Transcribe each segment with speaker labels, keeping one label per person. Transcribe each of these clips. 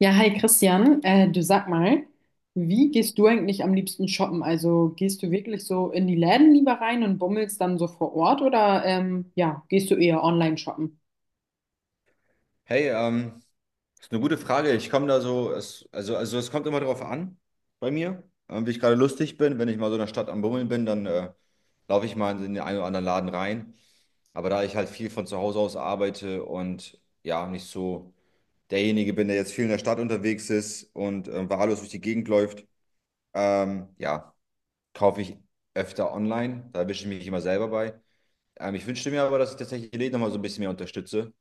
Speaker 1: Ja, hi Christian, du sag mal, wie gehst du eigentlich am liebsten shoppen? Also gehst du wirklich so in die Läden lieber rein und bummelst dann so vor Ort oder ja, gehst du eher online shoppen?
Speaker 2: Hey, ist eine gute Frage. Ich komme da so, es, also, es kommt immer drauf an bei mir, wie ich gerade lustig bin. Wenn ich mal so in der Stadt am Bummeln bin, dann laufe ich mal in den einen oder anderen Laden rein. Aber da ich halt viel von zu Hause aus arbeite und ja, nicht so derjenige bin, der jetzt viel in der Stadt unterwegs ist und wahllos durch die Gegend läuft, ja, kaufe ich öfter online. Da erwische ich mich immer selber bei. Ich wünschte mir aber, dass ich tatsächlich die Läden nochmal so ein bisschen mehr unterstütze.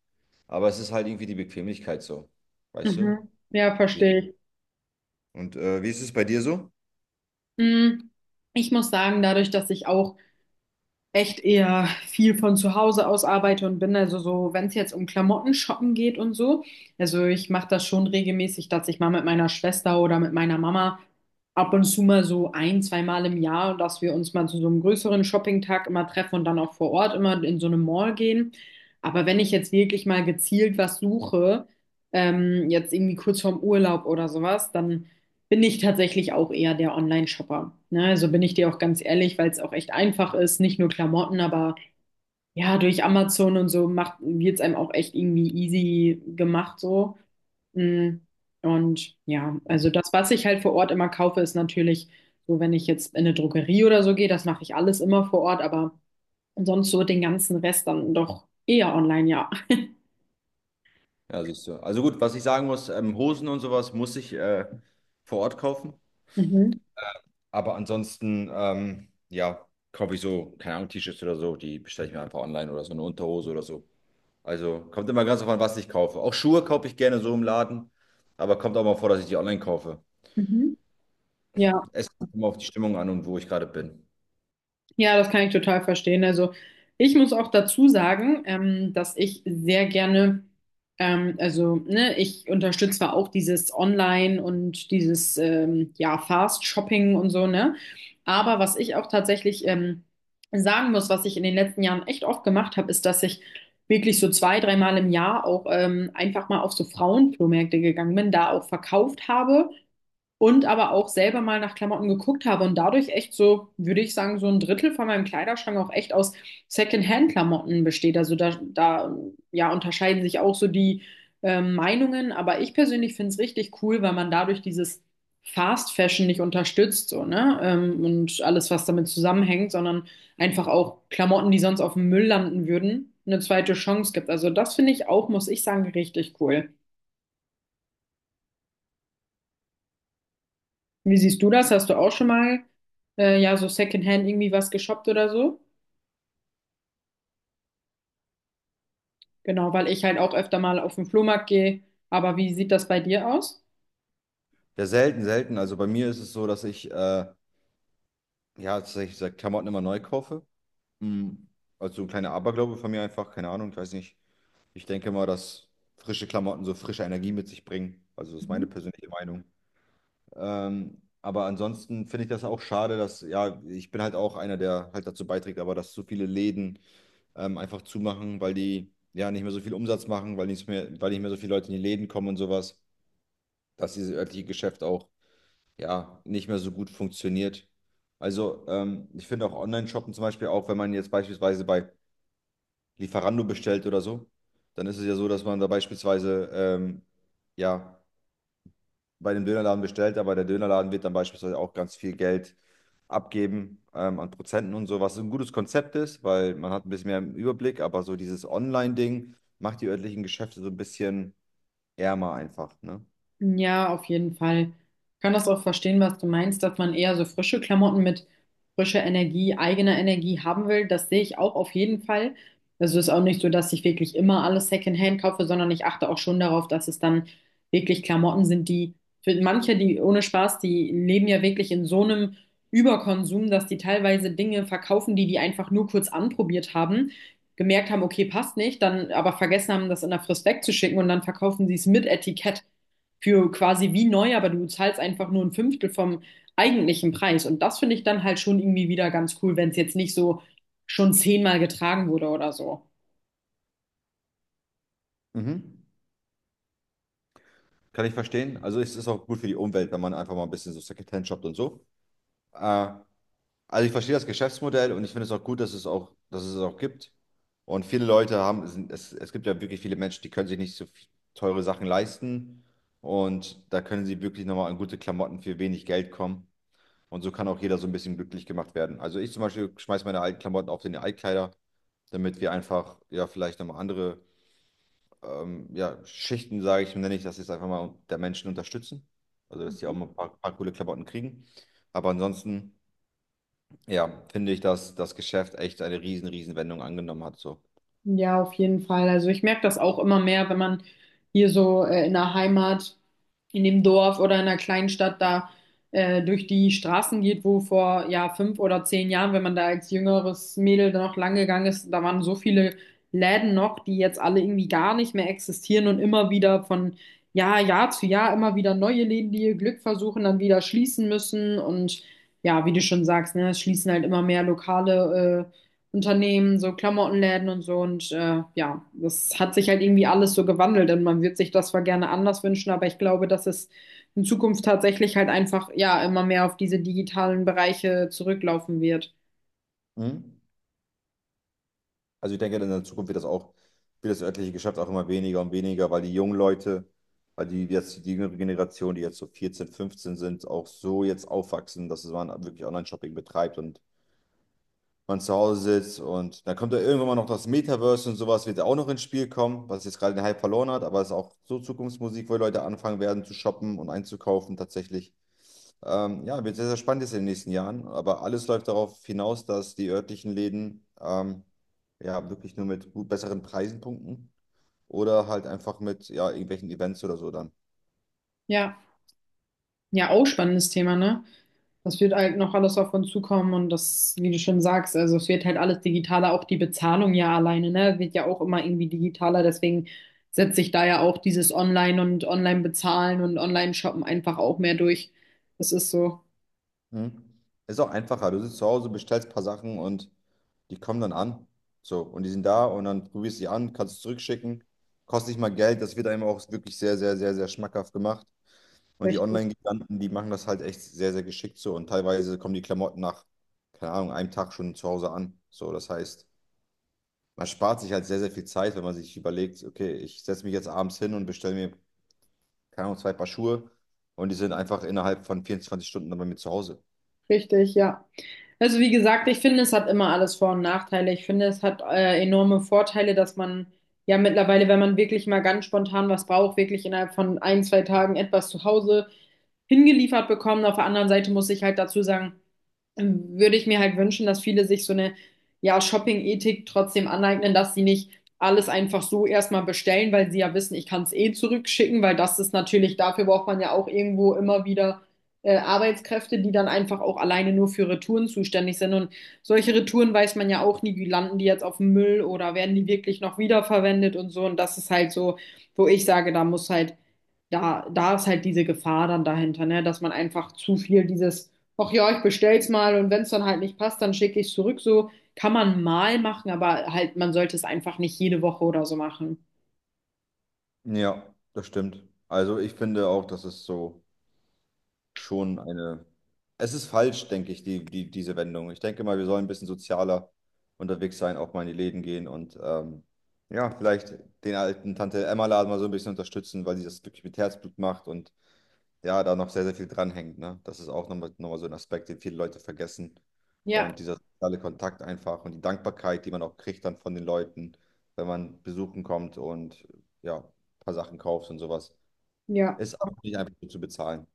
Speaker 2: Aber es ist halt irgendwie die Bequemlichkeit so. Weißt du?
Speaker 1: Mhm. Ja,
Speaker 2: Wie-
Speaker 1: verstehe ich.
Speaker 2: Und wie ist es bei dir so?
Speaker 1: Mm, Ich muss sagen, dadurch, dass ich auch echt eher viel von zu Hause aus arbeite und bin also so, wenn es jetzt um Klamotten shoppen geht und so, also ich mache das schon regelmäßig, dass ich mal mit meiner Schwester oder mit meiner Mama ab und zu mal so ein, zweimal im Jahr, dass wir uns mal zu so einem größeren Shoppingtag immer treffen und dann auch vor Ort immer in so eine Mall gehen. Aber wenn ich jetzt wirklich mal gezielt was suche, jetzt irgendwie kurz vorm Urlaub oder sowas, dann bin ich tatsächlich auch eher der Online-Shopper. Ne? Also bin ich dir auch ganz ehrlich, weil es auch echt einfach ist, nicht nur Klamotten, aber ja, durch Amazon und so macht, wird es einem auch echt irgendwie easy gemacht so. Mm, Und ja, also das, was ich halt vor Ort immer kaufe, ist natürlich so, wenn ich jetzt in eine Drogerie oder so gehe, das mache ich alles immer vor Ort, aber sonst so den ganzen Rest dann doch eher online, ja.
Speaker 2: Ja, siehst du. Also gut, was ich sagen muss, Hosen und sowas muss ich vor Ort kaufen.
Speaker 1: Mhm.
Speaker 2: Aber ansonsten, ja, kaufe ich so, keine Ahnung, T-Shirts oder so, die bestelle ich mir einfach online oder so eine Unterhose oder so. Also kommt immer ganz drauf an, was ich kaufe. Auch Schuhe kaufe ich gerne so im Laden, aber kommt auch mal vor, dass ich die online kaufe.
Speaker 1: Mhm. Ja.
Speaker 2: Es kommt immer auf die Stimmung an und wo ich gerade bin.
Speaker 1: Ja, das kann ich total verstehen. Also ich muss auch dazu sagen, dass ich sehr gerne, also ne, ich unterstütze zwar auch dieses Online und dieses ja Fast Shopping und so, ne? Aber was ich auch tatsächlich sagen muss, was ich in den letzten Jahren echt oft gemacht habe, ist, dass ich wirklich so zwei, dreimal im Jahr auch einfach mal auf so Frauenflohmärkte gegangen bin, da auch verkauft habe und aber auch selber mal nach Klamotten geguckt habe und dadurch echt so, würde ich sagen, so ein Drittel von meinem Kleiderschrank auch echt aus Secondhand-Klamotten besteht. Also da ja, unterscheiden sich auch so die Meinungen, aber ich persönlich finde es richtig cool, weil man dadurch dieses Fast Fashion nicht unterstützt, so, ne? Und alles, was damit zusammenhängt, sondern einfach auch Klamotten, die sonst auf dem Müll landen würden, eine zweite Chance gibt. Also das finde ich auch, muss ich sagen, richtig cool. Wie siehst du das? Hast du auch schon mal ja so Secondhand irgendwie was geshoppt oder so? Genau, weil ich halt auch öfter mal auf den Flohmarkt gehe. Aber wie sieht das bei dir aus?
Speaker 2: Ja, selten, selten. Also bei mir ist es so, dass ich ja, tatsächlich seit Klamotten immer neu kaufe. Mm. Also so ein kleiner Aberglaube von mir einfach, keine Ahnung, ich weiß nicht. Ich denke mal, dass frische Klamotten so frische Energie mit sich bringen. Also das ist meine persönliche Meinung. Aber ansonsten finde ich das auch schade, dass, ja, ich bin halt auch einer, der halt dazu beiträgt, aber dass so viele Läden einfach zumachen, weil die ja nicht mehr so viel Umsatz machen, weil nicht mehr so viele Leute in die Läden kommen und sowas, dass dieses örtliche Geschäft auch ja, nicht mehr so gut funktioniert. Also, ich finde auch Online-Shoppen zum Beispiel, auch wenn man jetzt beispielsweise bei Lieferando bestellt oder so, dann ist es ja so, dass man da beispielsweise, ja, bei dem Dönerladen bestellt, aber der Dönerladen wird dann beispielsweise auch ganz viel Geld abgeben, an Prozenten und so, was ein gutes Konzept ist, weil man hat ein bisschen mehr im Überblick, aber so dieses Online-Ding macht die örtlichen Geschäfte so ein bisschen ärmer einfach, ne?
Speaker 1: Ja, auf jeden Fall. Ich kann das auch verstehen, was du meinst, dass man eher so frische Klamotten mit frischer Energie, eigener Energie haben will. Das sehe ich auch auf jeden Fall. Also ist auch nicht so, dass ich wirklich immer alles Secondhand kaufe, sondern ich achte auch schon darauf, dass es dann wirklich Klamotten sind, die für manche, die ohne Spaß, die leben ja wirklich in so einem Überkonsum, dass die teilweise Dinge verkaufen, die die einfach nur kurz anprobiert haben, gemerkt haben, okay, passt nicht, dann aber vergessen haben, das in der Frist wegzuschicken und dann verkaufen sie es mit Etikett für quasi wie neu, aber du zahlst einfach nur ein Fünftel vom eigentlichen Preis. Und das finde ich dann halt schon irgendwie wieder ganz cool, wenn es jetzt nicht so schon zehnmal getragen wurde oder so.
Speaker 2: Mhm. Kann ich verstehen. Also es ist auch gut für die Umwelt, wenn man einfach mal ein bisschen so Secondhand shoppt und so. Äh, also ich verstehe das Geschäftsmodell und ich finde es auch gut, dass es auch, dass es auch gibt. Und viele Leute haben, es, es gibt ja wirklich viele Menschen, die können sich nicht so viel- teure Sachen leisten. Und da können sie wirklich nochmal an gute Klamotten für wenig Geld kommen. Und so kann auch jeder so ein bisschen glücklich gemacht werden. Also ich zum Beispiel schmeiße meine alten Klamotten auf den Altkleider, damit wir einfach ja vielleicht nochmal andere ja, Schichten, nenne ich das jetzt einfach mal, der Menschen unterstützen. Also, dass die auch mal ein paar, coole Klamotten kriegen. Aber ansonsten, ja, finde ich, dass das Geschäft echt eine riesen, riesen Wendung angenommen hat. So.
Speaker 1: Ja, auf jeden Fall. Also ich merke das auch immer mehr, wenn man hier so in der Heimat, in dem Dorf oder in der kleinen Stadt da durch die Straßen geht, wo vor ja fünf oder zehn Jahren, wenn man da als jüngeres Mädel da noch lang gegangen ist, da waren so viele Läden noch, die jetzt alle irgendwie gar nicht mehr existieren und immer wieder von Jahr, Jahr zu Jahr immer wieder neue Läden, die ihr Glück versuchen, dann wieder schließen müssen und ja, wie du schon sagst, ne, es schließen halt immer mehr Lokale Unternehmen, so Klamottenläden und so. Und ja, das hat sich halt irgendwie alles so gewandelt und man wird sich das zwar gerne anders wünschen, aber ich glaube, dass es in Zukunft tatsächlich halt einfach ja immer mehr auf diese digitalen Bereiche zurücklaufen wird.
Speaker 2: Mhm. Also, ich denke, in der Zukunft wird das auch, wird das örtliche Geschäft auch immer weniger und weniger, weil die jetzt, die jüngere Generation, die jetzt so 14, 15 sind, auch so jetzt aufwachsen, dass man wirklich Online-Shopping betreibt und man zu Hause sitzt und dann kommt da irgendwann mal noch das Metaverse und sowas wird ja auch noch ins Spiel kommen, was jetzt gerade den Hype verloren hat, aber es ist auch so Zukunftsmusik, wo die Leute anfangen werden zu shoppen und einzukaufen tatsächlich. Ja, wird sehr, sehr spannend jetzt in den nächsten Jahren, aber alles läuft darauf hinaus, dass die örtlichen Läden ja wirklich nur mit gut besseren Preisen punkten oder halt einfach mit ja, irgendwelchen Events oder so dann.
Speaker 1: Ja, ja, auch spannendes Thema, ne? Das wird halt noch alles auf uns zukommen und das, wie du schon sagst, also es wird halt alles digitaler, auch die Bezahlung ja alleine, ne, wird ja auch immer irgendwie digitaler, deswegen setze ich da ja auch dieses Online und Online-Bezahlen und Online-Shoppen einfach auch mehr durch. Das ist so
Speaker 2: Mhm. Ist auch einfacher. Du sitzt zu Hause, bestellst ein paar Sachen und die kommen dann an. So, und die sind da und dann probierst du sie an, kannst es zurückschicken. Kostet nicht mal Geld, das wird einem auch wirklich sehr, sehr, sehr, sehr schmackhaft gemacht. Und die
Speaker 1: richtig,
Speaker 2: Online-Giganten, die machen das halt echt sehr, sehr geschickt so. Und teilweise kommen die Klamotten nach, keine Ahnung, einem Tag schon zu Hause an. So, das heißt, man spart sich halt sehr, sehr viel Zeit, wenn man sich überlegt, okay, ich setze mich jetzt abends hin und bestelle mir, keine Ahnung, zwei Paar Schuhe und die sind einfach innerhalb von 24 Stunden dann bei mir zu Hause.
Speaker 1: richtig, ja. Also wie gesagt, ich finde, es hat immer alles Vor- und Nachteile. Ich finde, es hat enorme Vorteile, dass man ja mittlerweile, wenn man wirklich mal ganz spontan was braucht, wirklich innerhalb von ein, zwei Tagen etwas zu Hause hingeliefert bekommt. Auf der anderen Seite muss ich halt dazu sagen, würde ich mir halt wünschen, dass viele sich so eine, ja, Shopping-Ethik trotzdem aneignen, dass sie nicht alles einfach so erstmal bestellen, weil sie ja wissen, ich kann es eh zurückschicken, weil das ist natürlich, dafür braucht man ja auch irgendwo immer wieder Arbeitskräfte, die dann einfach auch alleine nur für Retouren zuständig sind. Und solche Retouren weiß man ja auch nie, wie landen die jetzt auf dem Müll oder werden die wirklich noch wiederverwendet und so. Und das ist halt so, wo ich sage, da muss halt da ist halt diese Gefahr dann dahinter, ne? Dass man einfach zu viel dieses, ach ja, ich bestell's mal und wenn es dann halt nicht passt, dann schicke ich es zurück. So kann man mal machen, aber halt, man sollte es einfach nicht jede Woche oder so machen.
Speaker 2: Ja, das stimmt. Also ich finde auch, dass es so schon eine. Es ist falsch, denke ich, diese Wendung. Ich denke mal, wir sollen ein bisschen sozialer unterwegs sein, auch mal in die Läden gehen und ja, vielleicht den alten Tante Emma-Laden mal so ein bisschen unterstützen, weil sie das wirklich mit Herzblut macht und ja, da noch sehr, sehr viel dranhängt. Ne? Das ist auch nochmal so ein Aspekt, den viele Leute vergessen.
Speaker 1: Ja,
Speaker 2: Und dieser soziale Kontakt einfach und die Dankbarkeit, die man auch kriegt dann von den Leuten, wenn man besuchen kommt und ja, ein paar Sachen kauft und sowas.
Speaker 1: ja.
Speaker 2: Ist auch nicht einfach so zu bezahlen.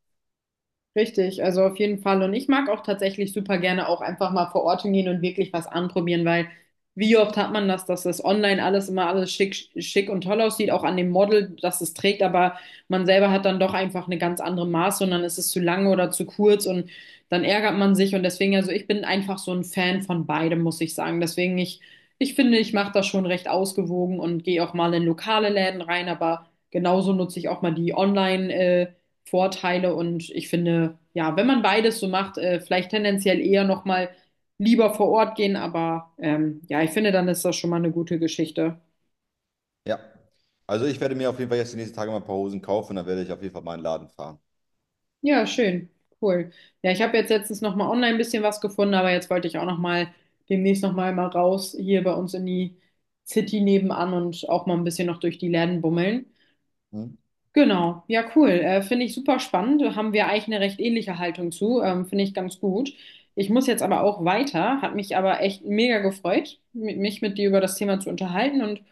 Speaker 1: Richtig, also auf jeden Fall. Und ich mag auch tatsächlich super gerne auch einfach mal vor Ort hingehen und wirklich was anprobieren, weil wie oft hat man das, dass das online alles immer alles schick, schick und toll aussieht, auch an dem Model, dass es trägt, aber man selber hat dann doch einfach eine ganz andere Maße und dann ist es zu lang oder zu kurz und dann ärgert man sich und deswegen, also ich bin einfach so ein Fan von beidem, muss ich sagen. Deswegen, ich finde, ich mache das schon recht ausgewogen und gehe auch mal in lokale Läden rein, aber genauso nutze ich auch mal die Vorteile und ich finde, ja, wenn man beides so macht, vielleicht tendenziell eher nochmal lieber vor Ort gehen, aber ja, ich finde, dann ist das schon mal eine gute Geschichte.
Speaker 2: Ja. Also ich werde mir auf jeden Fall jetzt die nächsten Tage mal ein paar Hosen kaufen und dann werde ich auf jeden Fall mal in den Laden fahren.
Speaker 1: Ja, schön, cool. Ja, ich habe jetzt letztens nochmal online ein bisschen was gefunden, aber jetzt wollte ich auch nochmal demnächst nochmal mal raus hier bei uns in die City nebenan und auch mal ein bisschen noch durch die Läden bummeln.
Speaker 2: Hm?
Speaker 1: Genau, ja, cool. Finde ich super spannend. Da haben wir eigentlich eine recht ähnliche Haltung zu. Finde ich ganz gut. Ich muss jetzt aber auch weiter. Hat mich aber echt mega gefreut, mich mit dir über das Thema zu unterhalten. Und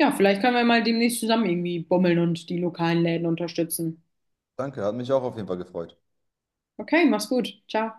Speaker 1: ja, vielleicht können wir mal demnächst zusammen irgendwie bummeln und die lokalen Läden unterstützen.
Speaker 2: Danke, hat mich auch auf jeden Fall gefreut.
Speaker 1: Okay, mach's gut. Ciao.